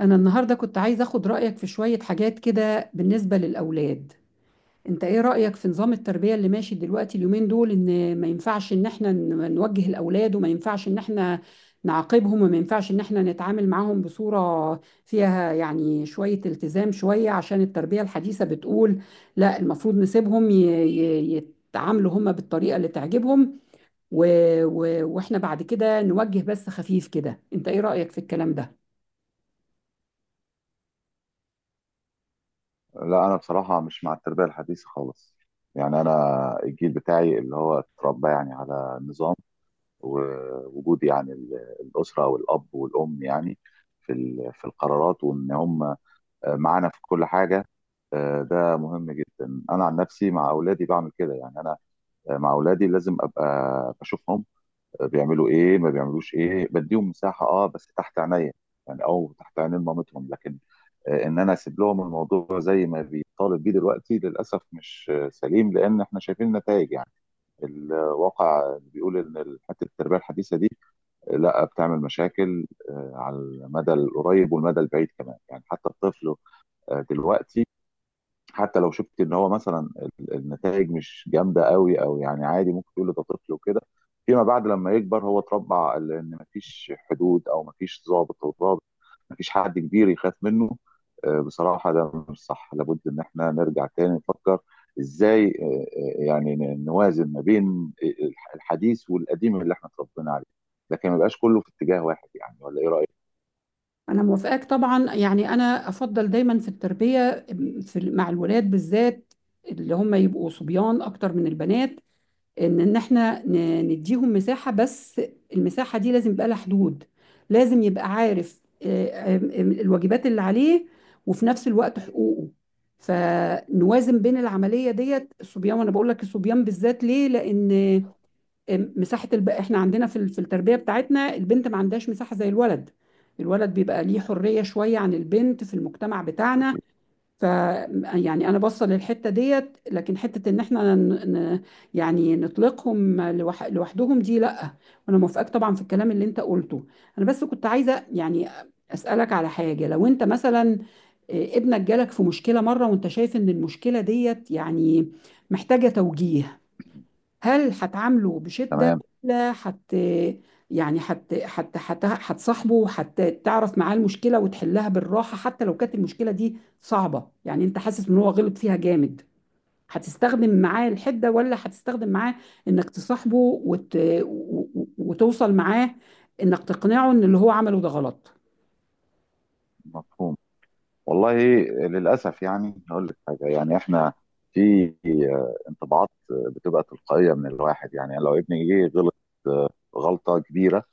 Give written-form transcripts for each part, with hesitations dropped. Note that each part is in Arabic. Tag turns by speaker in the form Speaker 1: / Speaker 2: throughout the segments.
Speaker 1: أنا النهاردة كنت عايزة أخد رأيك في شوية حاجات كده بالنسبة للأولاد. أنت إيه رأيك في نظام التربية اللي ماشي دلوقتي اليومين دول؟ إن ما ينفعش إن إحنا نوجه الأولاد، وما ينفعش إن إحنا نعاقبهم، وما ينفعش إن إحنا نتعامل معاهم بصورة فيها يعني شوية التزام شوية، عشان التربية الحديثة بتقول لا، المفروض نسيبهم ي... يتعاملوا هما بالطريقة اللي تعجبهم، و... وإحنا بعد كده نوجه بس خفيف كده. أنت إيه رأيك في الكلام ده؟
Speaker 2: لا، انا بصراحه مش مع التربيه الحديثه خالص. يعني انا الجيل بتاعي اللي هو اتربى يعني على نظام، ووجود يعني الاسره والاب والام، يعني في القرارات وان هم معانا في كل حاجه. ده مهم جدا، انا عن نفسي مع اولادي بعمل كده، يعني انا مع اولادي لازم ابقى بشوفهم بيعملوا ايه ما بيعملوش ايه، بديهم مساحه بس تحت عينيا، يعني او تحت عينين مامتهم، لكن ان انا اسيب لهم الموضوع زي ما بيطالب بيه دلوقتي للاسف مش سليم، لان احنا شايفين النتائج يعني. الواقع بيقول ان حته التربيه الحديثه دي لا، بتعمل مشاكل على المدى القريب والمدى البعيد كمان، يعني حتى الطفل دلوقتي حتى لو شفت ان هو مثلا النتائج مش جامده قوي، او يعني عادي ممكن تقول ده طفل وكده. فيما بعد لما يكبر هو اتربى على ان مفيش حدود او مفيش ضابط، مفيش حد كبير يخاف منه. بصراحه ده مش صح، لابد ان احنا نرجع تاني نفكر ازاي، يعني نوازن ما بين الحديث والقديم اللي احنا اتربينا عليه، لكن ما يبقاش كله في اتجاه واحد، يعني ولا ايه رايك؟
Speaker 1: أنا موافقاك طبعا، يعني أنا أفضل دايما في التربية في مع الولاد بالذات، اللي هم يبقوا صبيان أكتر من البنات، إن إحنا نديهم مساحة، بس المساحة دي لازم يبقى لها حدود. لازم يبقى عارف آه، الواجبات اللي عليه وفي نفس الوقت حقوقه، فنوازن بين العملية ديت. الصبيان، وأنا بقول لك الصبيان بالذات ليه؟ لأن مساحه احنا عندنا في التربيه بتاعتنا، البنت ما عندهاش مساحه زي الولد. الولد بيبقى ليه حريه شويه عن البنت في المجتمع بتاعنا. ف يعني انا باصه للحته ديت، لكن حته ان احنا يعني نطلقهم لوحدهم، دي لا. وانا موافقاك طبعا في الكلام اللي انت قلته. انا بس كنت عايزه يعني اسالك على حاجه. لو انت مثلا ابنك جالك في مشكله مره، وانت شايف ان المشكله ديت يعني محتاجه توجيه، هل هتعامله بشدة،
Speaker 2: تمام.
Speaker 1: ولا حت يعني حت حت حت هتصاحبه حتى تعرف معاه المشكلة وتحلها بالراحة؟ حتى لو كانت المشكلة دي صعبة، يعني انت حاسس ان هو غلط فيها جامد، هتستخدم معاه الحدة، ولا هتستخدم معاه انك تصاحبه وتوصل معاه انك تقنعه ان اللي هو عمله ده غلط؟
Speaker 2: مفهوم. والله، للأسف يعني هقول لك حاجة، يعني احنا في انطباعات بتبقى تلقائية من الواحد، يعني لو ابني جه غلط آه، غلطة كبيرة،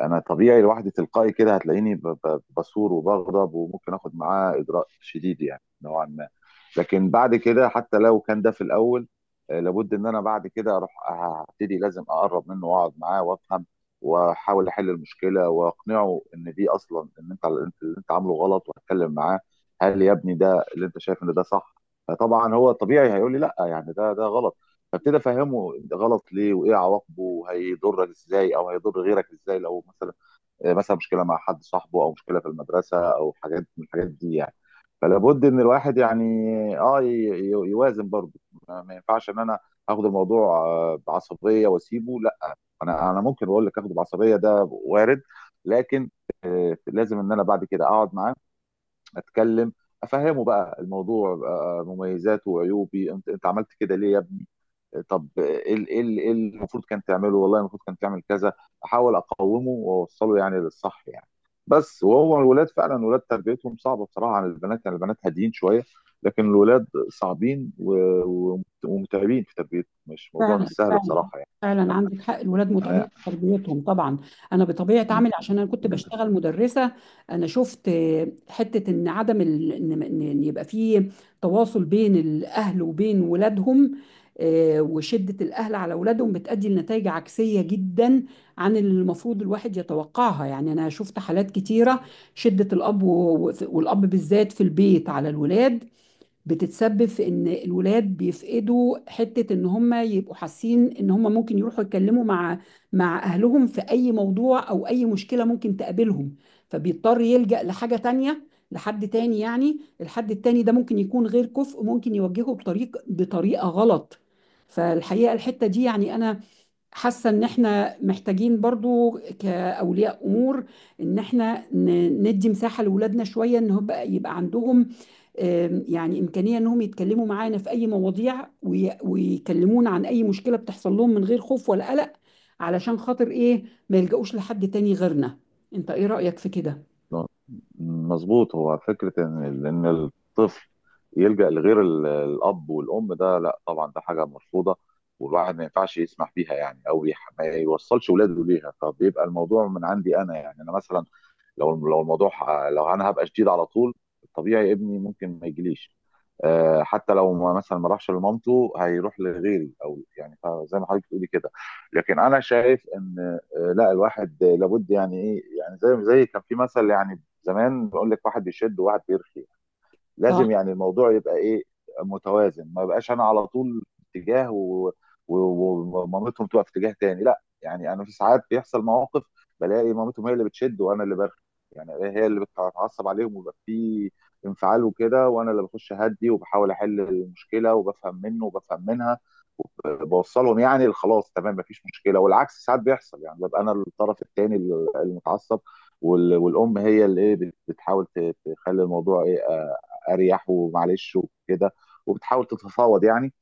Speaker 2: انا طبيعي لوحدي تلقائي كده هتلاقيني بصور وبغضب، وممكن اخد معاه اجراء شديد يعني نوعا ما. لكن بعد كده، حتى لو كان ده في الاول، لابد ان انا بعد كده اروح هبتدي لازم اقرب منه واقعد معاه وافهم، واحاول احل المشكله واقنعه ان دي اصلا، ان انت اللي عامله غلط، واتكلم معاه. هل يا ابني ده اللي انت شايف ان ده صح؟ فطبعا هو طبيعي هيقول لي لا، يعني ده غلط. فابتدي افهمه ده غلط ليه، وايه عواقبه، وهيضرك ازاي او هيضر غيرك ازاي، لو مثلا مثلا مشكله مع حد صاحبه، او مشكله في المدرسه، او حاجات من الحاجات دي يعني. فلا بد ان الواحد يعني اه يوازن برضه. ما ينفعش ان انا اخد الموضوع بعصبيه واسيبه، لا. انا ممكن اقول لك، اخده بعصبيه ده وارد، لكن لازم ان انا بعد كده اقعد معاه، اتكلم، افهمه بقى الموضوع مميزاته وعيوبي، انت عملت كده ليه يا ابني؟ طب إيه اللي المفروض كان تعمله، والله المفروض كان تعمل كذا. احاول اقومه واوصله يعني للصح يعني. بس وهو الولاد تربيتهم صعبه بصراحه عن البنات، يعني البنات هاديين شويه، لكن الولاد صعبين ومتعبين في تربيتهم، مش موضوع مش
Speaker 1: فعلا
Speaker 2: سهل
Speaker 1: فعلا
Speaker 2: بصراحه يعني.
Speaker 1: فعلا عندك حق، الولاد متعبين
Speaker 2: انا...
Speaker 1: في تربيتهم طبعا. انا بطبيعه عملي، عشان انا كنت بشتغل مدرسه، انا شفت حته ان عدم ال... ان إن يبقى في تواصل بين الاهل وبين ولادهم، وشده الاهل على ولادهم بتؤدي لنتائج عكسيه جدا عن اللي المفروض الواحد يتوقعها. يعني انا شفت حالات كتيره، شده الاب والاب بالذات في البيت على الولاد بتتسبب في ان الولاد بيفقدوا حتة ان هم يبقوا حاسين ان هم ممكن يروحوا يتكلموا مع اهلهم في اي موضوع او اي مشكلة ممكن تقابلهم، فبيضطر يلجأ لحاجة تانية، لحد تاني. يعني الحد التاني ده ممكن يكون غير كفء، ممكن يوجهه بطريقة غلط. فالحقيقة الحتة دي يعني انا حاسة ان احنا محتاجين برضو كأولياء امور ان احنا ندي مساحة لولادنا شوية، ان هو يبقى عندهم يعني امكانية انهم يتكلموا معانا في اي مواضيع ويكلمونا عن اي مشكلة بتحصل لهم من غير خوف ولا قلق. علشان خاطر ايه؟ ما يلجأوش لحد تاني غيرنا. انت ايه رأيك في كده؟
Speaker 2: مظبوط، هو فكرة إن الطفل يلجأ لغير الأب والأم، ده لا طبعا، ده حاجة مرفوضة. والواحد ما ينفعش يسمح بيها يعني، أو ما يوصلش ولاده ليها، فبيبقى الموضوع من عندي أنا، يعني أنا مثلا لو الموضوع لو أنا هبقى شديد على طول، الطبيعي ابني ممكن ما يجيليش. حتى لو ما راحش لمامته هيروح لغيري، او يعني زي ما حضرتك بتقولي كده. لكن انا شايف ان لا، الواحد لابد يعني ايه، يعني زي كان في مثل يعني زمان بيقول لك، واحد بيشد وواحد بيرخي. لازم
Speaker 1: صح.
Speaker 2: يعني الموضوع يبقى ايه، متوازن، ما يبقاش انا على طول في اتجاه ومامتهم تبقى في اتجاه تاني، لا يعني انا في ساعات بيحصل مواقف بلاقي مامتهم هي اللي بتشد وانا اللي برخي. يعني هي اللي بتتعصب عليهم، ويبقى في انفعال وكده، وانا اللي بخش اهدي وبحاول احل المشكله وبفهم منه وبفهم منها، بوصلهم يعني خلاص تمام مفيش مشكله. والعكس ساعات بيحصل، يعني ببقى انا الطرف الثاني المتعصب، والام هي اللي ايه بتحاول تخلي الموضوع ايه اريح ومعلش وكده، وبتحاول تتفاوض يعني،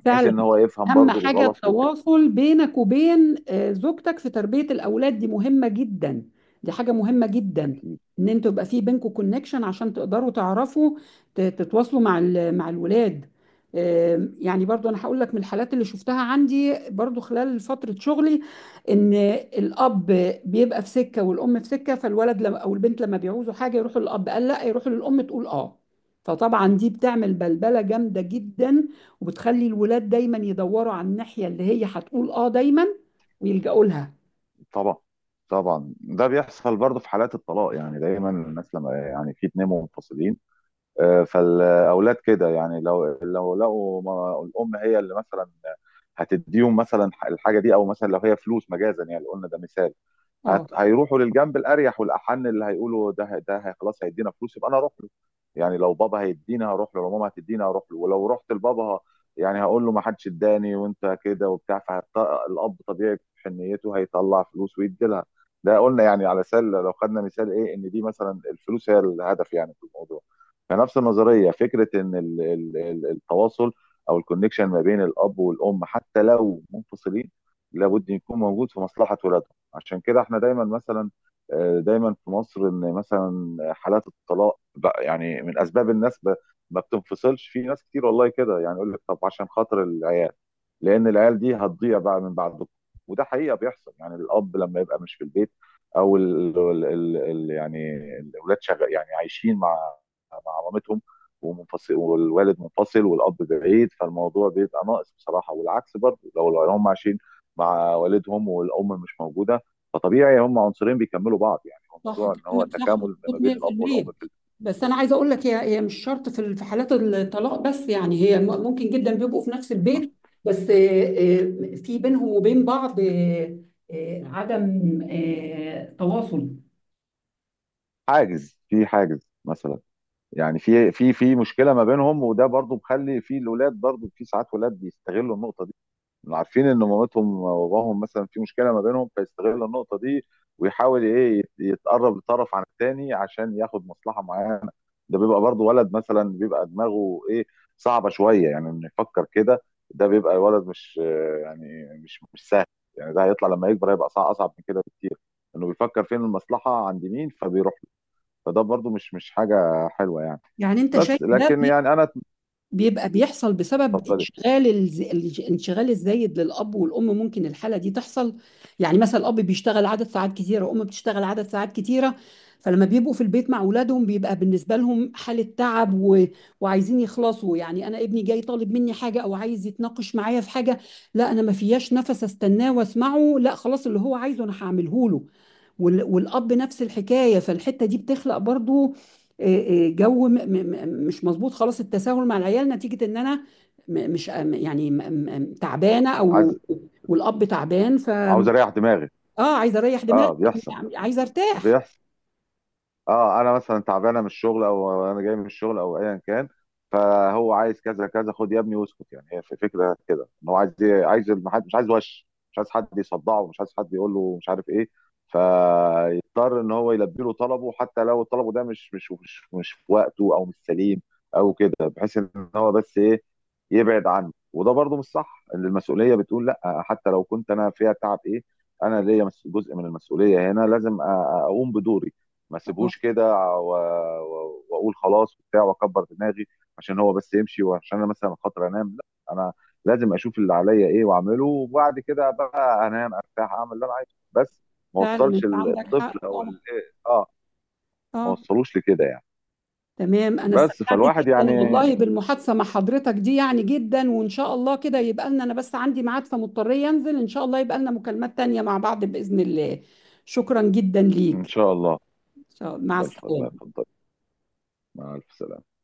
Speaker 2: بحيث
Speaker 1: فعلا،
Speaker 2: ان هو يفهم
Speaker 1: اهم
Speaker 2: برضو
Speaker 1: حاجه
Speaker 2: الغلط وكده.
Speaker 1: التواصل بينك وبين زوجتك في تربيه الاولاد دي مهمه جدا. دي حاجه مهمه جدا،
Speaker 2: اكيد.
Speaker 1: ان انتوا يبقى في بينكم كونكشن عشان تقدروا تعرفوا تتواصلوا مع الولاد. يعني برضو انا هقول لك من الحالات اللي شفتها عندي برضو خلال فتره شغلي، ان الاب بيبقى في سكه والام في سكه، فالولد لما او البنت لما بيعوزوا حاجه يروحوا للاب قال لا، يروحوا للام تقول اه، فطبعا دي بتعمل بلبله جامده جدا وبتخلي الولاد دايما يدوروا على الناحية اللي هي هتقول اه دايما ويلجأوا لها.
Speaker 2: طبعا. طبعا ده بيحصل برضو في حالات الطلاق، يعني دايما الناس لما يعني في اتنين منفصلين، فالاولاد كده يعني لو لقوا الام هي اللي مثلا هتديهم مثلا الحاجه دي، او مثلا لو هي فلوس، مجازا يعني قلنا ده مثال.
Speaker 1: اه،
Speaker 2: هيروحوا للجنب الاريح والاحن، اللي هيقولوا ده هي خلاص هيدينا فلوس، يبقى انا اروح له. يعني لو بابا هيديني هروح له، لو ماما هتديني هروح له، ولو رحت لبابا يعني هقول له ما حدش اداني وانت كده وبتاع. فالاب طبيعي في حنيته هيطلع فلوس ويدي لها. ده قلنا يعني على سله، لو خدنا مثال ايه، ان دي مثلا الفلوس هي الهدف يعني في الموضوع. فنفس النظريه، فكره ان التواصل او الكونكشن ما بين الاب والام، حتى لو منفصلين، لابد يكون موجود في مصلحه ولادهم. عشان كده احنا دايما مثلا دايما في مصر، ان مثلا حالات الطلاق بقى يعني من اسباب الناس ما بتنفصلش، في ناس كتير والله كده يعني يقول لك طب عشان خاطر العيال، لان العيال دي هتضيع بقى من بعد بكره. وده حقيقه بيحصل، يعني الاب لما يبقى مش في البيت، او ال ال ال ال يعني الاولاد شغال يعني عايشين مع مامتهم، ومنفصل والوالد منفصل والاب بعيد، فالموضوع بيبقى ناقص بصراحه. والعكس برضه لو هم عايشين مع والدهم والام مش موجوده، فطبيعي هم عنصرين بيكملوا بعض، يعني هو
Speaker 1: صح
Speaker 2: الموضوع ان هو
Speaker 1: كلامك، صح
Speaker 2: تكامل ما
Speaker 1: مظبوط
Speaker 2: بين الاب
Speaker 1: 100%.
Speaker 2: والام في
Speaker 1: بس انا عايزه اقول لك هي مش شرط في حالات الطلاق بس، يعني هي ممكن جدا بيبقوا في نفس
Speaker 2: البيت.
Speaker 1: البيت، بس في بينهم وبين بعض عدم تواصل.
Speaker 2: في حاجز مثلا، يعني في مشكله ما بينهم، وده برضو مخلي في الاولاد برضو، في ساعات ولاد بيستغلوا النقطه دي، عارفين ان مامتهم وباباهم مثلا في مشكله ما بينهم، فيستغل النقطه دي ويحاول ايه يتقرب لطرف عن التاني عشان ياخد مصلحه معينه. ده بيبقى برضو ولد مثلا بيبقى دماغه ايه، صعبه شويه، يعني انه يفكر كده. ده بيبقى ولد مش يعني مش سهل، يعني ده هيطلع لما يكبر هيبقى صعب، اصعب من كده بكتير، انه بيفكر فين المصلحه عند مين فبيروح له. فده برضو مش حاجه حلوه يعني.
Speaker 1: يعني انت شايف
Speaker 2: بس
Speaker 1: ده
Speaker 2: لكن يعني انا...
Speaker 1: بيبقى بيحصل بسبب
Speaker 2: اتفضلي.
Speaker 1: الانشغال الزايد للأب والأم، ممكن الحالة دي تحصل. يعني مثلا الأب بيشتغل عدد ساعات كتيرة، وأم بتشتغل عدد ساعات كتيرة، فلما بيبقوا في البيت مع أولادهم بيبقى بالنسبة لهم حالة تعب وعايزين يخلصوا. يعني أنا ابني جاي طالب مني حاجة أو عايز يتناقش معايا في حاجة، لا أنا ما فياش نفس أستناه وأسمعه، لا خلاص اللي هو عايزه أنا هعمله له، والأب نفس الحكاية. فالحتة دي بتخلق برضو جو مش مظبوط خالص، التساهل مع العيال نتيجة إن أنا مش تعبانة،
Speaker 2: عايز...
Speaker 1: أو والأب تعبان.
Speaker 2: عاوز اريح دماغي.
Speaker 1: عايزة أريح دماغي،
Speaker 2: اه، بيحصل.
Speaker 1: لأني عايزة أرتاح.
Speaker 2: بيحصل. اه، انا مثلا تعبانه من الشغل، او انا جاي من الشغل، او ايا كان، فهو عايز كذا كذا، خد يا ابني واسكت. يعني هي في فكره كده، ان هو عايز المحد مش عايز وش مش عايز حد يصدعه، مش عايز حد يقول له مش عارف ايه. فيضطر ان هو يلبي له طلبه حتى لو طلبه ده مش في وقته، او مش سليم، او كده، بحيث ان هو بس ايه، يبعد عنه. وده برضه مش صح، ان المسؤوليه بتقول لا، حتى لو كنت انا فيها تعب ايه، انا ليا جزء من المسؤوليه هنا، لازم اقوم بدوري، ما
Speaker 1: آه،
Speaker 2: سيبهوش كده و- واقول خلاص وبتاع واكبر دماغي، عشان هو بس يمشي، وعشان انا مثلا خاطر انام. لا، انا لازم اشوف اللي عليا ايه واعمله، وبعد كده بقى انام ارتاح اعمل اللي انا عايزه، بس ما
Speaker 1: فعلا
Speaker 2: وصلش
Speaker 1: أنت عندك حق
Speaker 2: الطفل او
Speaker 1: طبعا.
Speaker 2: اه، ما
Speaker 1: آه.
Speaker 2: وصلوش لكده يعني.
Speaker 1: تمام، أنا
Speaker 2: بس
Speaker 1: استمتعت جدا
Speaker 2: فالواحد يعني...
Speaker 1: والله بالمحادثة مع حضرتك دي يعني جدا، وإن شاء الله كده يبقى لنا، أنا بس عندي ميعاد فمضطرية أنزل، إن شاء الله يبقى لنا مكالمات تانية مع بعض بإذن الله. شكرا جدا
Speaker 2: ان
Speaker 1: ليك.
Speaker 2: شاء الله.
Speaker 1: إن شاء الله مع
Speaker 2: بالف، الله
Speaker 1: السلامة.
Speaker 2: يفضل. مع الف سلامه.